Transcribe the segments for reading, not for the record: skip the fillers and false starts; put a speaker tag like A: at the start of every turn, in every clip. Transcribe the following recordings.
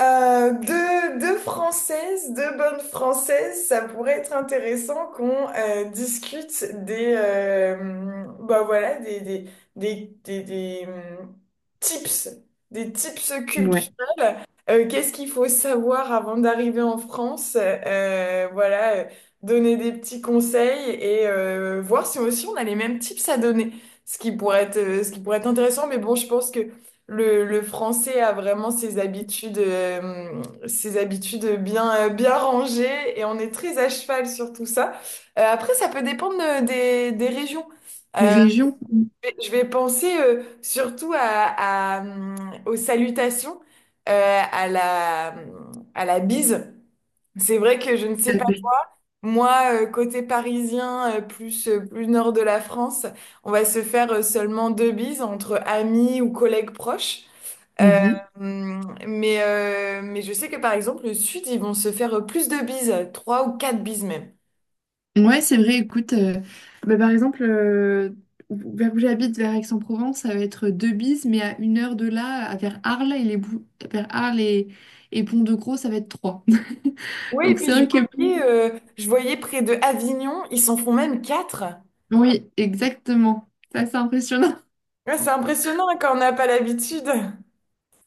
A: Deux Françaises, deux bonnes Françaises, ça pourrait être intéressant qu'on discute des, bah voilà, des, tips, des tips
B: Ouais.
A: culturels. Qu'est-ce qu'il faut savoir avant d'arriver en France? Voilà, donner des petits conseils et voir si aussi on a les mêmes tips à donner. Ce qui pourrait être intéressant, mais bon, je pense que le français a vraiment ses habitudes bien, bien rangées et on est très à cheval sur tout ça. Après, ça peut dépendre des régions.
B: Les
A: Euh,
B: régions qu'on...
A: je vais penser surtout à, hum, aux salutations, euh, à la, à la bise. C'est vrai que je ne sais pas, moi, côté parisien, plus nord de la France, on va se faire seulement deux bises entre amis ou collègues proches. Euh,
B: Mhm.
A: mais je sais que par exemple, le Sud, ils vont se faire plus de bises, trois ou quatre bises même.
B: Ouais, c'est vrai, écoute, bah, par exemple, vers où j'habite, vers Aix-en-Provence, ça va être deux bises, mais à une heure de là, vers Arles et Pont-de-Gros, ça va être trois.
A: Oui, et
B: Donc c'est
A: puis je
B: vrai que oui,
A: voyais, euh, je voyais près de Avignon, ils s'en font même quatre.
B: oui, exactement. Ça, c'est impressionnant.
A: Ouais, c'est impressionnant hein, quand on n'a pas l'habitude.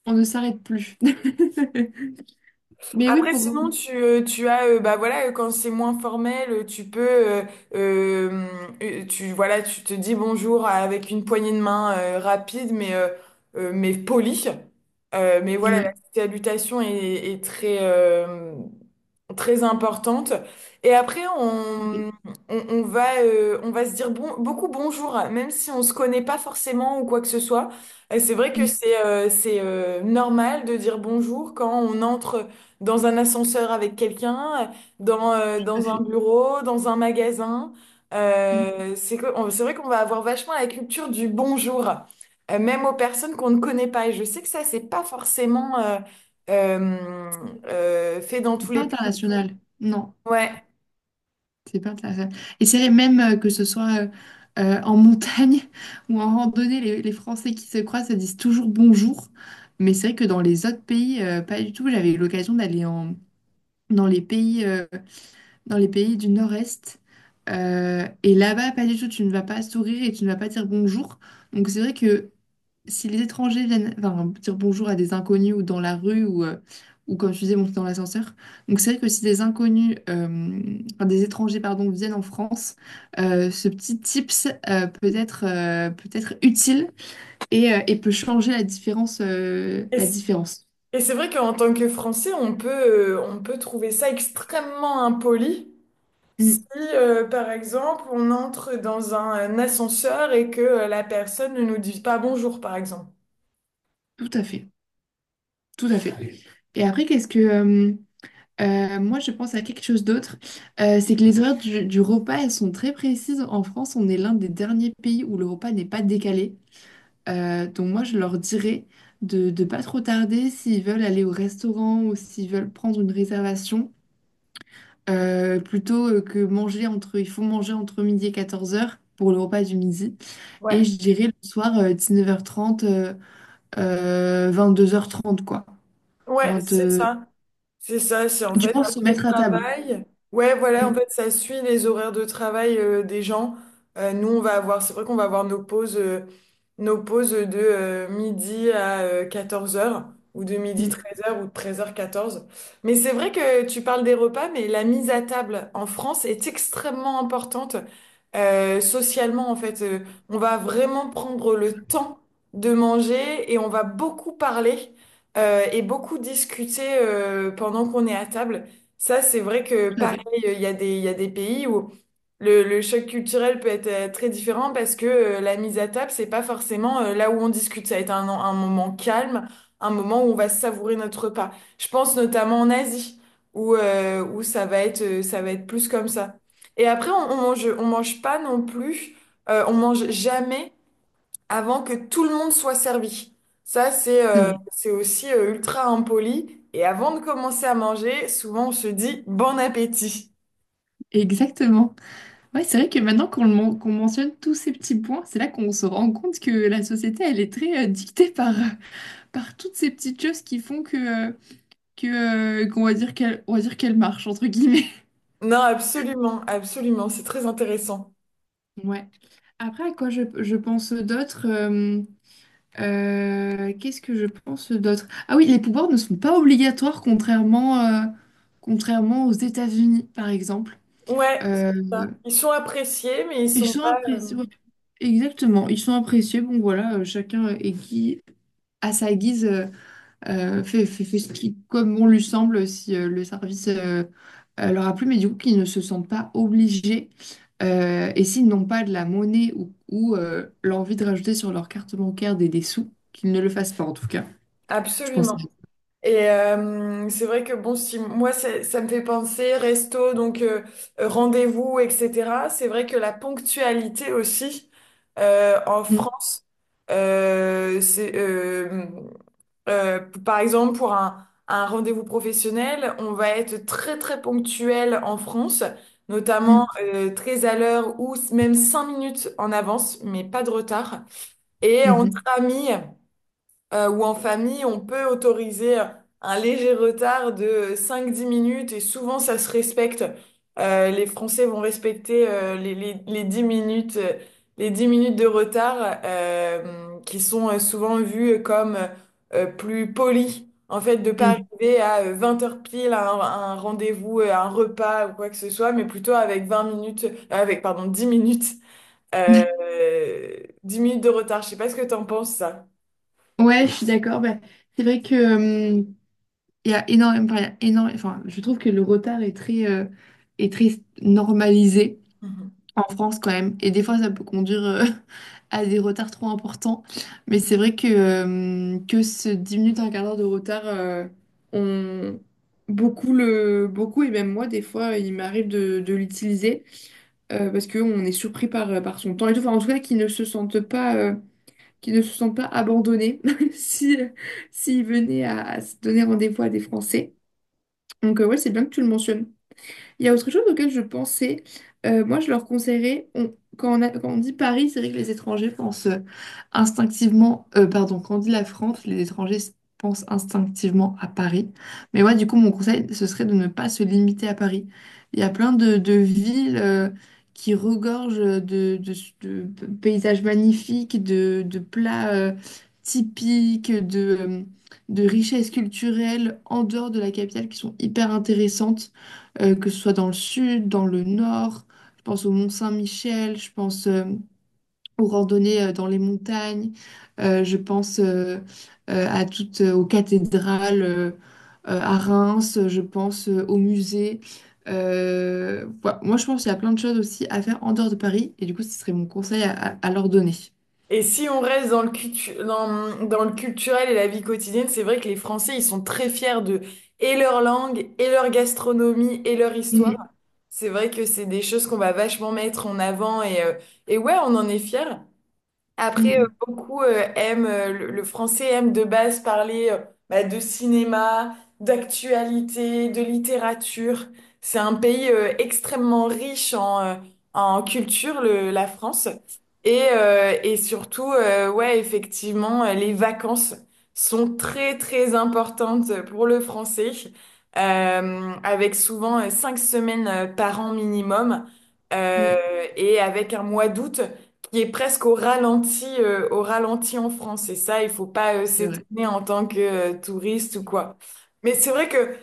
B: On ne s'arrête plus. Mais oui,
A: Après,
B: pour
A: sinon,
B: revenir.
A: tu as, bah voilà, quand c'est moins formel, euh, voilà, tu te dis bonjour avec une poignée de main rapide, mais polie. Mais voilà, la
B: Ouais.
A: salutation est très importante. Et après,
B: Ok.
A: on va se dire bon, beaucoup bonjour, même si on se connaît pas forcément ou quoi que ce soit. Et c'est vrai que
B: Mm,
A: c'est normal de dire bonjour quand on entre dans un ascenseur avec quelqu'un, dans, euh,
B: tout à
A: dans un
B: fait.
A: bureau, dans un magasin.
B: Mm.
A: C'est vrai qu'on va avoir vachement la culture du bonjour, même aux personnes qu'on ne connaît pas. Et je sais que ça, c'est pas forcémenteuh, fait dans tous
B: C'est pas
A: les.
B: international. Non.
A: Ouais.
B: C'est pas intéressant. Et c'est vrai, même que ce soit en montagne ou en randonnée, les Français qui se croisent se disent toujours bonjour. Mais c'est vrai que dans les autres pays, pas du tout. J'avais eu l'occasion d'aller en, dans les pays euh, dans les pays du Nord-Est. Et là-bas, pas du tout, tu ne vas pas sourire et tu ne vas pas dire bonjour. Donc c'est vrai que si les étrangers viennent enfin, dire bonjour à des inconnus ou dans la rue ou comme tu disais, monter dans l'ascenseur, donc c'est vrai que si des inconnus, enfin, des étrangers, pardon, viennent en France, ce petit tips peut être utile et peut changer la différence.
A: Et
B: La
A: c-
B: différence.
A: et c'est vrai qu'en tant que Français, on peut trouver ça extrêmement impoli si,
B: Mm,
A: par exemple, on entre dans un ascenseur et que la personne ne nous dit pas bonjour, par exemple.
B: tout à fait, tout à fait. Et après, qu'est-ce que... moi, je pense à quelque chose d'autre. C'est que les horaires du repas, elles sont très précises. En France, on est l'un des derniers pays où le repas n'est pas décalé. Donc moi, je leur dirais de ne pas trop tarder s'ils veulent aller au restaurant ou s'ils veulent prendre une réservation, plutôt que manger entre... Il faut manger entre midi et 14 heures pour le repas du midi. Et
A: Ouais,
B: je dirais le soir, 19 h 22h30 quoi.
A: ouais,
B: 20.
A: c'est ça. C'est ça, c'est en
B: Du
A: fait
B: moins, se
A: après le
B: mettre à table.
A: travail. Ouais, voilà, en
B: Mm,
A: fait, ça suit les horaires de travail des gens. Nous, c'est vrai qu'on va avoir nos pauses de midi à 14 heures ou de midi
B: mm,
A: 13 heures ou de 13h 14. Mais c'est vrai que tu parles des repas, mais la mise à table en France est extrêmement importante, socialement, en fait. On va vraiment prendre le temps de manger et on va beaucoup parler et beaucoup discuter pendant qu'on est à table. Ça, c'est vrai que
B: tout à
A: pareil,
B: fait.
A: il y a des pays où le choc culturel peut être très différent parce que la mise à table, c'est pas forcément là où on discute. Ça va être un moment calme, un moment où on va savourer notre repas. Je pense notamment en Asie où ça va être plus comme ça. Et après, on mange pas non plus, on mange jamais avant que tout le monde soit servi. Ça, c'est
B: C'est
A: euh,
B: vrai.
A: c'est aussi ultra impoli. Et avant de commencer à manger, souvent on se dit bon appétit.
B: Exactement. Ouais, c'est vrai que maintenant qu'on mentionne tous ces petits points, c'est là qu'on se rend compte que la société, elle est très dictée par, par toutes ces petites choses qui font que, qu'on va dire qu'elle, on va dire qu'elle marche, entre guillemets.
A: Non, absolument, absolument, c'est très intéressant.
B: Ouais. Après, à quoi je pense d'autre qu'est-ce que je pense d'autre? Ah oui, les pouvoirs ne sont pas obligatoires contrairement, contrairement aux États-Unis, par exemple.
A: Ouais, c'est
B: Euh,
A: ça. Ils sont appréciés, mais ils
B: et
A: sont
B: j'ai
A: pas
B: l'impression, exactement, ils sont appréciés. Bon, voilà, chacun est qui, à sa guise, fait ce qui, comme on lui semble, si le service leur a plu, mais du coup, qu'ils ne se sentent pas obligés. Et s'ils n'ont pas de la monnaie ou, l'envie de rajouter sur leur carte bancaire des sous, qu'ils ne le fassent pas, en tout cas. Je pense.
A: absolument. Et c'est vrai que bon, si moi ça me fait penser resto, donc rendez-vous, etc. C'est vrai que la ponctualité aussi en
B: Mm,
A: France. Euh, c'est, euh, Euh, Par exemple, pour un rendez-vous professionnel, on va être très très ponctuel en France, notamment
B: mm,
A: très à l'heure ou même 5 minutes en avance, mais pas de retard. Et entre
B: mhm,
A: amis, ou en famille, on peut autoriser un léger retard de cinq dix minutes et souvent ça se respecte. Les Français vont respecter les 10 minutes, les 10 minutes de retard qui sont souvent vues comme plus polies. En fait, de pas arriver à 20 heures pile à un rendez-vous, à un repas ou quoi que ce soit, mais plutôt avec 20 minutes, avec, pardon, 10 minutes,
B: mm.
A: euh, 10 minutes de retard. Je sais pas ce que t'en penses, ça.
B: Ouais, je suis d'accord. Bah, c'est vrai que. Il y a énormément, enfin, il y a énorme- enfin, je trouve que le retard est très normalisé en France quand même. Et des fois, ça peut conduire à des retards trop importants. Mais c'est vrai que ce 10 minutes, un quart d'heure de retard, on... beaucoup, le... beaucoup, et même moi, des fois, il m'arrive de l'utiliser parce qu'on est surpris par, par son temps et tout. Enfin, en tout cas, qu'ils ne se sentent pas, qu'ils ne se sentent pas abandonnés si, s'ils venaient à se donner rendez-vous à des Français. Donc, ouais, c'est bien que tu le mentionnes. Il y a autre chose auquel je pensais. Moi, je leur conseillerais, quand on a- quand on dit Paris, c'est vrai que les étrangers pensent instinctivement, pardon, quand on dit la France, les étrangers pensent instinctivement à Paris. Mais moi, du coup, mon conseil, ce serait de ne pas se limiter à Paris. Il y a plein de villes qui regorgent de, de paysages magnifiques, de plats typiques, de richesses culturelles en dehors de la capitale qui sont hyper intéressantes que ce soit dans le sud, dans le nord. Je pense au Mont Saint-Michel, je pense aux randonnées dans les montagnes, je pense à toutes, aux cathédrales à Reims, je pense aux musées. Voilà. Moi, je pense qu'il y a plein de choses aussi à faire en dehors de Paris, et du coup, ce serait mon conseil à, à leur donner.
A: Et si on reste dans le culturel et la vie quotidienne, c'est vrai que les Français, ils sont très fiers de et leur langue, et leur gastronomie, et leur histoire.
B: Mm,
A: C'est vrai que c'est des choses qu'on va vachement mettre en avant et ouais, on en est fiers. Après,
B: mm,
A: beaucoup aiment, le français aime de base parler bah, de cinéma, d'actualité, de littérature. C'est un pays extrêmement riche en culture, la France. Et surtout, ouais, effectivement, les vacances sont très, très importantes pour le français, avec souvent 5 semaines par an minimum, euh,
B: mm.
A: et avec un mois d'août qui est presque au ralenti en France. Et ça, il faut pas
B: C'est vrai.
A: s'étonner en tant que touriste ou quoi. Mais c'est vrai que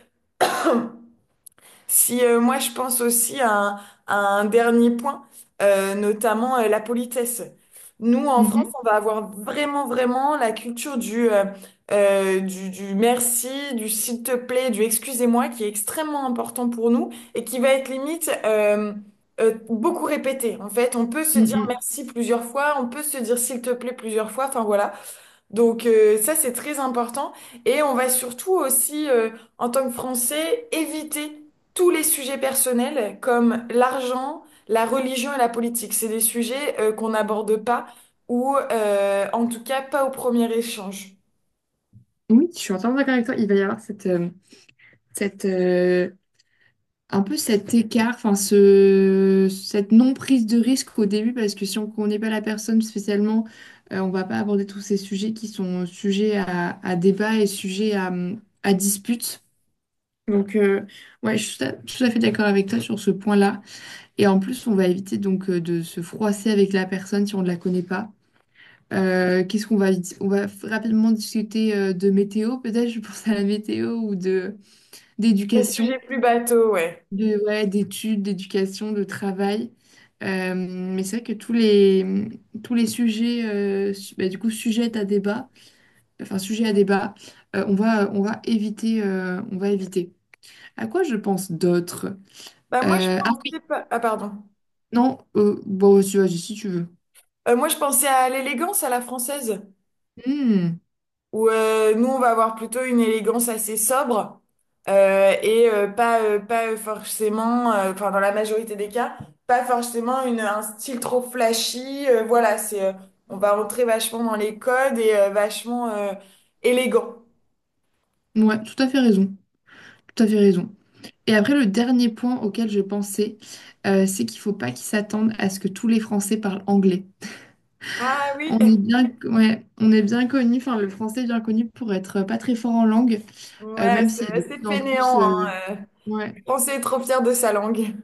A: si moi je pense aussi à un dernier point, notamment la politesse. Nous en France,
B: Mhm,
A: on va avoir vraiment vraiment la culture du merci, du s'il te plaît, du excusez-moi qui est extrêmement important pour nous et qui va être limite beaucoup répété. En fait, on peut se
B: mm,
A: dire
B: mm.
A: merci plusieurs fois, on peut se dire s'il te plaît plusieurs fois. Enfin voilà. Donc ça, c'est très important. Et on va surtout aussi, en tant que Français, éviter tous les sujets personnels comme l'argent, la religion et la politique. C'est des sujets qu'on n'aborde pas ou en tout cas pas au premier échange.
B: Oui, je suis entièrement d'accord avec toi. Il va y avoir cette, cette un peu cet écart, enfin ce, cette non-prise de risque au début, parce que si on ne connaît pas la personne spécialement, on ne va pas aborder tous ces sujets qui sont sujets à débat et sujets à dispute. Donc, ouais, je suis tout à, tout à fait d'accord avec toi sur ce point-là. Et en plus, on va éviter donc de se froisser avec la personne si on ne la connaît pas. Qu'est-ce qu'on va, on va rapidement discuter de météo, peut-être, je pense à la météo ou de
A: Les sujets
B: d'éducation
A: plus bateaux, ouais.
B: de, ouais, d'études, d'éducation, de travail. Mais c'est vrai que tous les sujets, bah, du coup, sujet à débat, enfin, sujet à débat, on va éviter, on va éviter. À quoi je pense d'autres?
A: Bah moi, je
B: Ah oui,
A: pensais pas. Ah, pardon.
B: non, bon, si, vas si tu veux.
A: Moi, je pensais à l'élégance à la française.
B: Hmm,
A: Où nous on va avoir plutôt une élégance assez sobre et pas forcément enfin dans la majorité des cas pas forcément une un style trop flashy voilà, c'est on va rentrer vachement dans les codes et vachement élégant.
B: ouais, tout à fait raison, tout à fait raison. Et après, le dernier point auquel je pensais, c'est qu'il faut pas qu'ils s'attendent à ce que tous les Français parlent anglais.
A: Ah oui,
B: On est bien, ouais, on est bien connu, enfin le français est bien connu pour être pas très fort en langue,
A: ouais,
B: même
A: c'est
B: s'il y a de
A: assez
B: plus en plus,
A: fainéant hein, euh.
B: ouais,
A: On s'est trop fier de sa langue.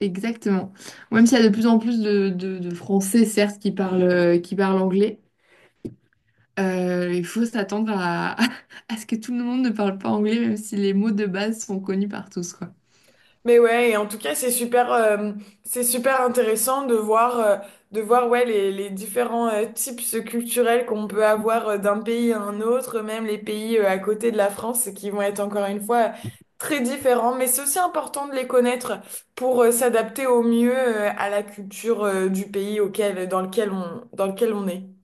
B: exactement. Même s'il y a de plus en plus de, de Français, certes, qui parlent anglais, il faut s'attendre à, à ce que tout le monde ne parle pas anglais, même si les mots de base sont connus par tous, quoi.
A: Mais ouais, et en tout cas, c'est super intéressant de voir, ouais, les différents types culturels qu'on peut avoir d'un pays à un autre, même les pays à côté de la France, et qui vont être encore une fois très différents. Mais c'est aussi important de les connaître pour s'adapter au mieux à la culture du pays auquel, dans lequel on est.